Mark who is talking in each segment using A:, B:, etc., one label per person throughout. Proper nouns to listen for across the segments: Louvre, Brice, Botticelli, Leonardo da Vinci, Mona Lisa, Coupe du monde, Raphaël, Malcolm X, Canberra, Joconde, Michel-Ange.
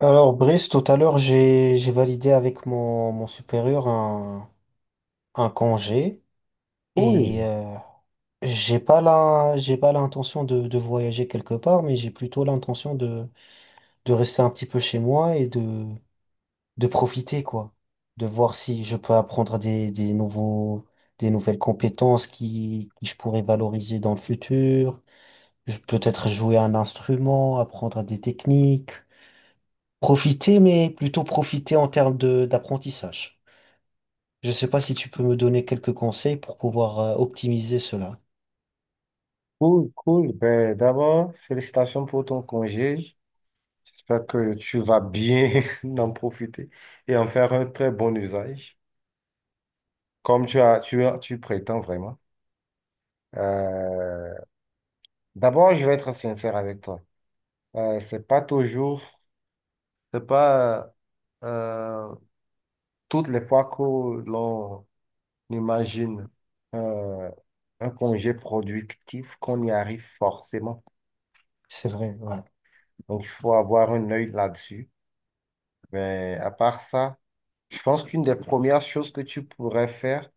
A: Alors, Brice, tout à l'heure, j'ai validé avec mon supérieur un congé et
B: Cool,
A: j'ai pas la j'ai pas l'intention de voyager quelque part, mais j'ai plutôt l'intention de rester un petit peu chez moi et de profiter, quoi, de voir si je peux apprendre des nouveaux des nouvelles compétences qui je pourrais valoriser dans le futur. Peut-être jouer un instrument, apprendre des techniques, profiter, mais plutôt profiter en termes de d'apprentissage. Je sais pas si tu peux me donner quelques conseils pour pouvoir optimiser cela.
B: cool. Ben, d'abord, félicitations pour ton congé. J'espère que tu vas bien en profiter et en faire un très bon usage, comme tu prétends vraiment. Euh, D'abord, je vais être sincère avec toi. Euh, c'est pas toujours, c'est pas euh, toutes les fois que l'on imagine euh, un congé productif qu'on y arrive forcément.
A: C'est vrai, ouais.
B: Donc, il faut avoir un œil là-dessus. Mais à part ça, je pense qu'une des premières choses que tu pourrais faire,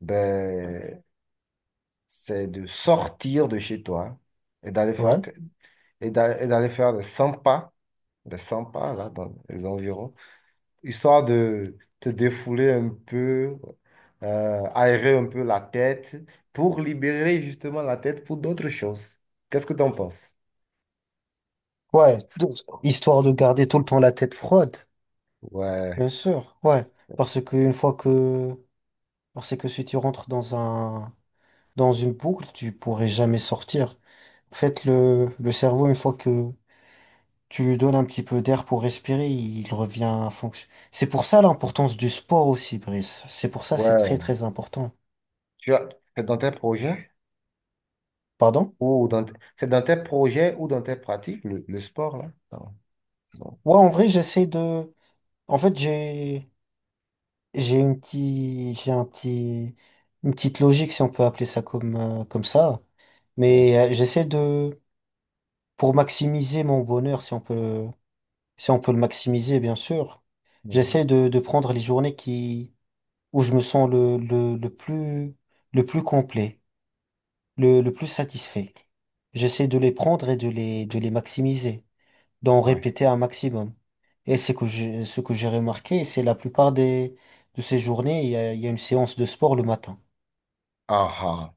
B: ben, c'est de sortir de chez toi et d'aller
A: Ouais.
B: et d'aller faire des 100 pas là, dans les environs, histoire de te défouler un peu, aérer un peu la tête pour libérer justement la tête pour d'autres choses. Qu'est-ce que tu en penses?
A: Ouais. Donc, histoire de garder tout le temps la tête froide,
B: Ouais,
A: bien sûr. Ouais. Parce que une fois que, parce que si tu rentres dans un, dans une boucle, tu pourrais jamais sortir. En fait, le cerveau, une fois que tu lui donnes un petit peu d'air pour respirer, il revient à fonction. C'est pour ça l'importance du sport aussi, Brice. C'est pour ça, c'est très,
B: ouais.
A: très important.
B: Tu as- c'est dans tes projets
A: Pardon?
B: ou dans, c'est dans tes projets ou dans tes pratiques, le sport là? Non.
A: Ouais, en vrai, en fait, j'ai une petite, une petite logique, si on peut appeler ça comme, comme ça.
B: Ouais.
A: Mais j'essaie de, pour maximiser mon bonheur, si on peut le maximiser, bien sûr,
B: Mhm.
A: de prendre les journées où je me sens le plus complet, le plus satisfait. J'essaie de les prendre et de de les maximiser, d'en
B: Ouais.
A: répéter un maximum. Et c'est que j'ai, ce que j'ai remarqué, c'est la plupart de ces journées, il y a une séance de sport le matin.
B: Aha.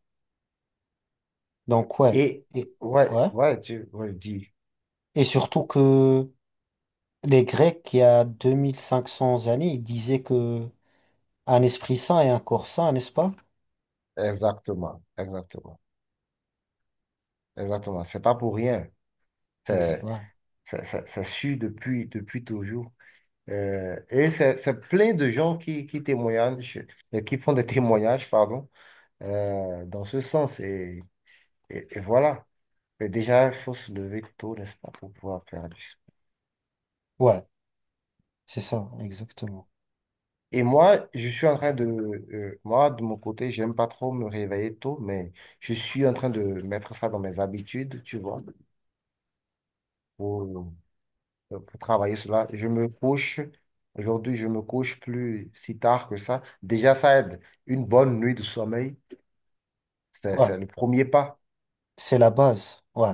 A: Donc ouais,
B: Et
A: et
B: ouais,
A: ouais,
B: ouais, dis,
A: et surtout que les Grecs, il y a 2500 années, ils disaient que un esprit sain et un corps sain, n'est-ce pas?
B: exactement, exactement, exactement. C'est pas pour rien. C'est
A: Ouais,
B: c'est su depuis, depuis toujours. Et c'est plein de gens qui témoignent, qui font des témoignages, pardon, dans ce sens. Et voilà. Mais déjà, il faut se lever tôt, n'est-ce pas, pour pouvoir faire du sport.
A: ouais, c'est ça, exactement.
B: Et moi, je suis en train de... moi, de mon côté, j'aime pas trop me réveiller tôt, mais je suis en train de mettre ça dans mes habitudes, tu vois, pour, pour travailler cela. Je me couche, aujourd'hui, je me couche plus si tard que ça. Déjà, ça aide. Une bonne nuit de sommeil,
A: Ouais,
B: c'est le premier pas.
A: c'est la base. Ouais,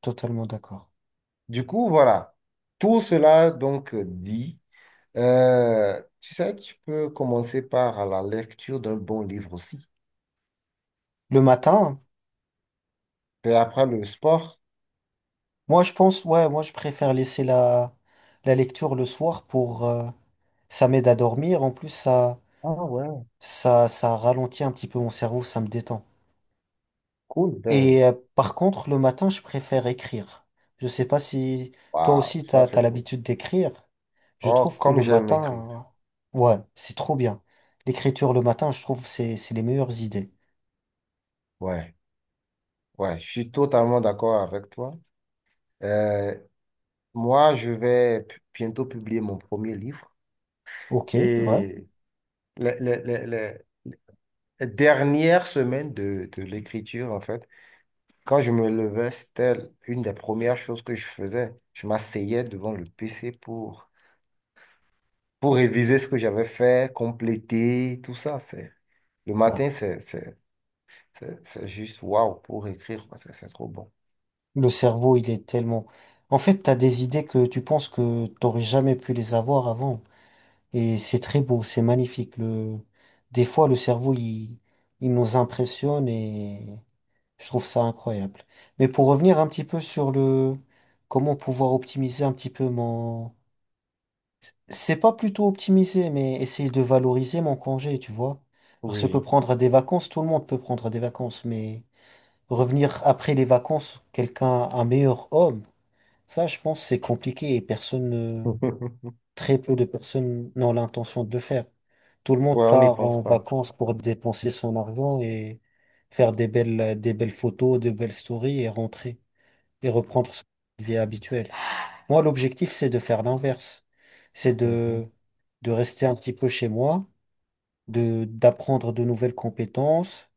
A: totalement d'accord.
B: Du coup, voilà. Tout cela, donc, dit, tu sais, tu peux commencer par la lecture d'un bon livre aussi.
A: Le matin,
B: Et après le sport,
A: moi je pense, ouais, moi je préfère laisser la la lecture le soir pour ça m'aide à dormir. En plus,
B: ah ouais,
A: ça ralentit un petit peu mon cerveau, ça me détend.
B: cool, ben,
A: Et par contre, le matin, je préfère écrire. Je sais pas si toi
B: waouh,
A: aussi,
B: ça
A: t'as
B: c'est cool.
A: l'habitude d'écrire. Je
B: Oh,
A: trouve que
B: comme
A: le
B: j'aime écrire.
A: matin, ouais, c'est trop bien. L'écriture le matin, je trouve, c'est les meilleures idées.
B: Ouais, ouais, je suis totalement d'accord avec toi. Euh, Moi, je vais bientôt publier mon premier livre,
A: Ok, ouais,
B: et les, les- les- les- les dernières semaines de l'écriture, en fait, quand je me levais, c'était une des premières choses que je faisais. Je m'asseyais devant le PC pour réviser ce que j'avais fait, compléter, tout ça. Le
A: ouais.
B: matin, c'est juste waouh pour écrire parce que c'est trop bon.
A: Le cerveau, il est tellement... En fait, t'as des idées que tu penses que t'aurais jamais pu les avoir avant. Et c'est très beau, c'est magnifique. Le... Des fois, il nous impressionne et. Je trouve ça incroyable. Mais pour revenir un petit peu sur le comment pouvoir optimiser un petit peu mon... C'est pas plutôt optimiser, mais essayer de valoriser mon congé, tu vois. Parce que
B: Oui.
A: prendre des vacances, tout le monde peut prendre des vacances, mais revenir après les vacances, quelqu'un, un meilleur homme, ça, je pense, c'est compliqué et personne, ne- très peu de personnes n'ont l'intention de le faire. Tout le monde
B: Ouais, on n'y
A: part
B: pense
A: en
B: pas.
A: vacances pour dépenser son argent et faire des belles photos, des belles stories et rentrer et reprendre son vie habituel. Moi, l'objectif, c'est de faire l'inverse. C'est
B: Mhm.
A: de, de rester un petit peu chez moi, d'apprendre de nouvelles compétences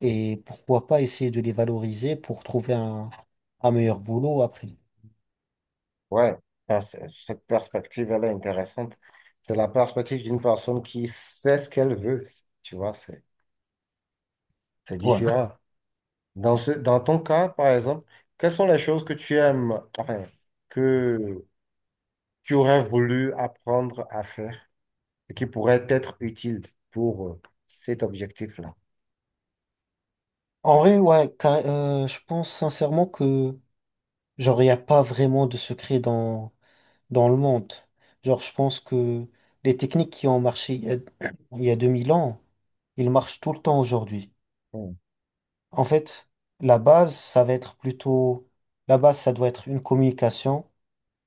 A: et pourquoi pas essayer de les valoriser pour trouver un meilleur boulot après.
B: Ouais, ben, cette perspective, elle est intéressante. C'est la perspective d'une personne qui sait ce qu'elle veut. Tu vois, c'est
A: Ouais.
B: différent. Dans ton cas, par exemple, quelles sont les choses que tu aimes, enfin, que tu aurais voulu apprendre à faire et qui pourraient être utiles pour cet objectif-là?
A: En vrai, ouais, je pense sincèrement que genre, il n'y a pas vraiment de secret dans le monde. Genre, je pense que les techniques qui ont marché il y a 2000 ans, ils marchent tout le temps aujourd'hui.
B: Mhm.
A: En fait, la base, ça va être plutôt, la base, ça doit être une communication,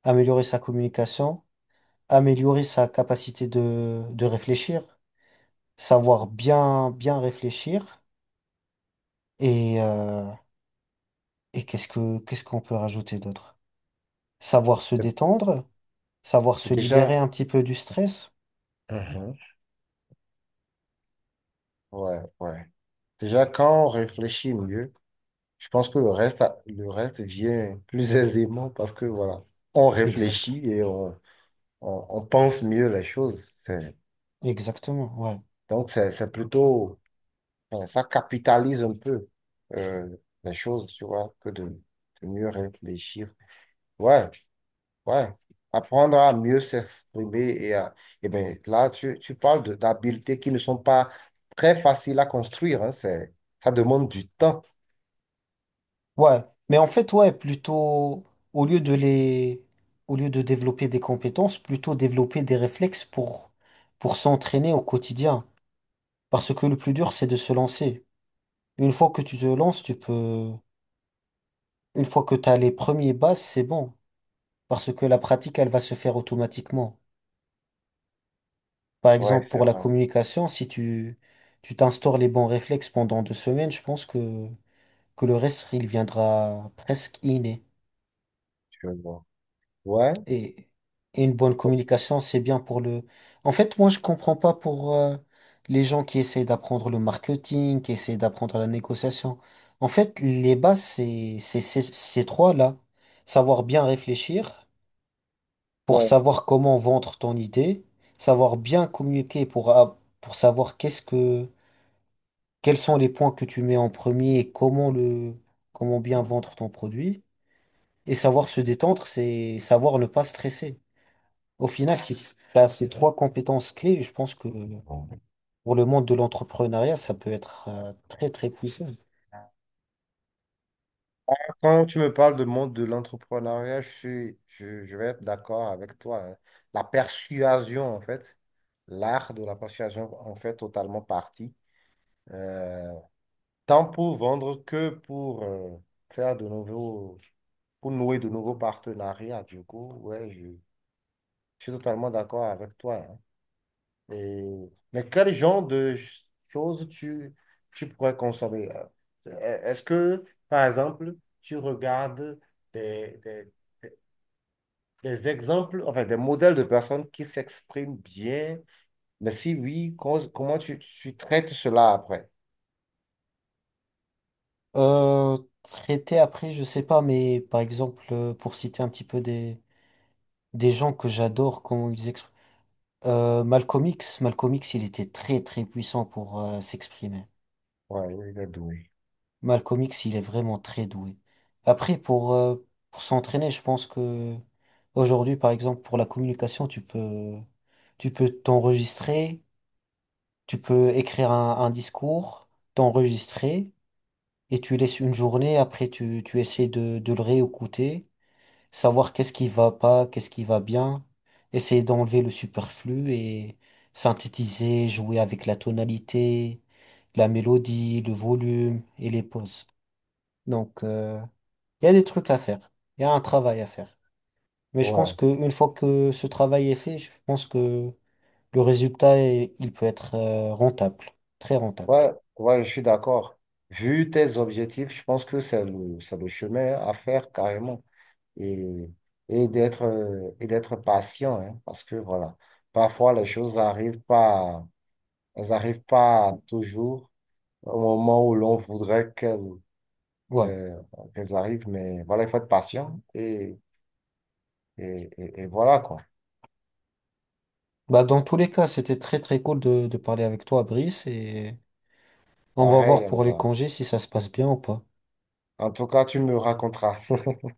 A: améliorer sa communication, améliorer sa capacité de réfléchir, savoir bien, bien réfléchir et, euh, et qu'est-ce qu'on peut rajouter d'autre? Savoir se détendre, savoir se libérer
B: Déjà,
A: un petit peu du stress.
B: mhm, ouais, ouais. Déjà, quand on réfléchit mieux, je pense que le reste, le reste vient plus aisément parce que voilà, on
A: Exact.
B: réfléchit on pense mieux les choses.
A: Exactement. Ouais.
B: Donc, c'est plutôt, enfin, ça capitalise un peu euh, les choses, tu vois, de mieux réfléchir. Ouais, ouais. Apprendre à mieux s'exprimer, et ben là, tu parles d'habiletés qui ne sont pas très faciles à construire, hein, c'est, ça demande du temps.
A: Ouais, mais en fait, ouais, plutôt, au lieu de les, au lieu de développer des compétences, plutôt développer des réflexes pour s'entraîner au quotidien. Parce que le plus dur, c'est de se lancer. Une fois que tu te lances, tu peux, une fois que tu as les premiers bases, c'est bon. Parce que la pratique, elle va se faire automatiquement. Par
B: Ouais,
A: exemple,
B: c'est
A: pour la
B: vrai.
A: communication, si tu, tu t'instaures les bons réflexes pendant 2 semaines, que le reste, il viendra presque inné.
B: Je vois. Ouais.
A: Et, et une bonne communication, c'est bien pour le... En fait, moi, je comprends pas pour les gens qui essaient d'apprendre le marketing, qui essaient d'apprendre la négociation. En fait, les bases, ces trois-là. Savoir bien réfléchir pour
B: Ouais.
A: savoir comment vendre ton idée, savoir bien communiquer pour savoir quels sont les points que tu mets en premier et comment comment bien vendre ton produit. Et savoir se détendre, c'est savoir ne pas stresser. Au final, si tu as ces trois compétences clés, je pense que pour le monde de l'entrepreneuriat, ça peut être très très puissant.
B: Quand tu me parles de monde de l'entrepreneuriat, je vais être d'accord avec toi, hein. La persuasion, en fait, l'art de la persuasion en fait totalement partie, euh, tant pour vendre que pour faire de nouveaux, pour nouer de nouveaux partenariats. Du coup, je suis totalement d'accord avec toi, hein. Mais quel genre de choses tu pourrais consommer, euh? Est-ce que, par exemple, tu regardes des, des, des exemples, enfin des modèles de personnes qui s'expriment bien? Mais si oui, comment tu traites cela après?
A: Euh, traiter après, je sais pas, mais par exemple, pour citer un petit peu des gens que j'adore, comment ils expriment. Malcolm X, il était très très puissant pour s'exprimer.
B: Ouais, il est doué.
A: Malcolm X, il est vraiment très doué. Après, pour s'entraîner, je pense que aujourd'hui, par exemple, pour la communication, tu peux t'enregistrer. Tu peux écrire un discours, t'enregistrer, et tu laisses une journée, après tu essaies de le réécouter, savoir qu'est-ce qui va pas, qu'est-ce qui va bien, essayer d'enlever le superflu et synthétiser, jouer avec la tonalité, la mélodie, le volume et les pauses. Donc, il y a des trucs à faire, il y a un travail à faire. Mais je pense
B: Ouais,
A: qu'une fois que ce travail est fait, je pense que le résultat, il peut être rentable, très rentable.
B: ouais, je suis d'accord. Vu tes objectifs, je pense que c'est le chemin à faire carrément. Et, et d'être patient, hein, parce que voilà, parfois les choses arrivent pas, elles arrivent pas toujours au moment où l'on voudrait qu'elles
A: Ouais.
B: euh, qu'elles arrivent, mais voilà, il faut être patient, et voilà quoi.
A: Bah, dans tous les cas, c'était très très cool de parler avec toi, Brice, et on va voir
B: Pareil,
A: pour les
B: Hamza.
A: congés si ça se passe bien ou pas.
B: En tout cas, tu me raconteras.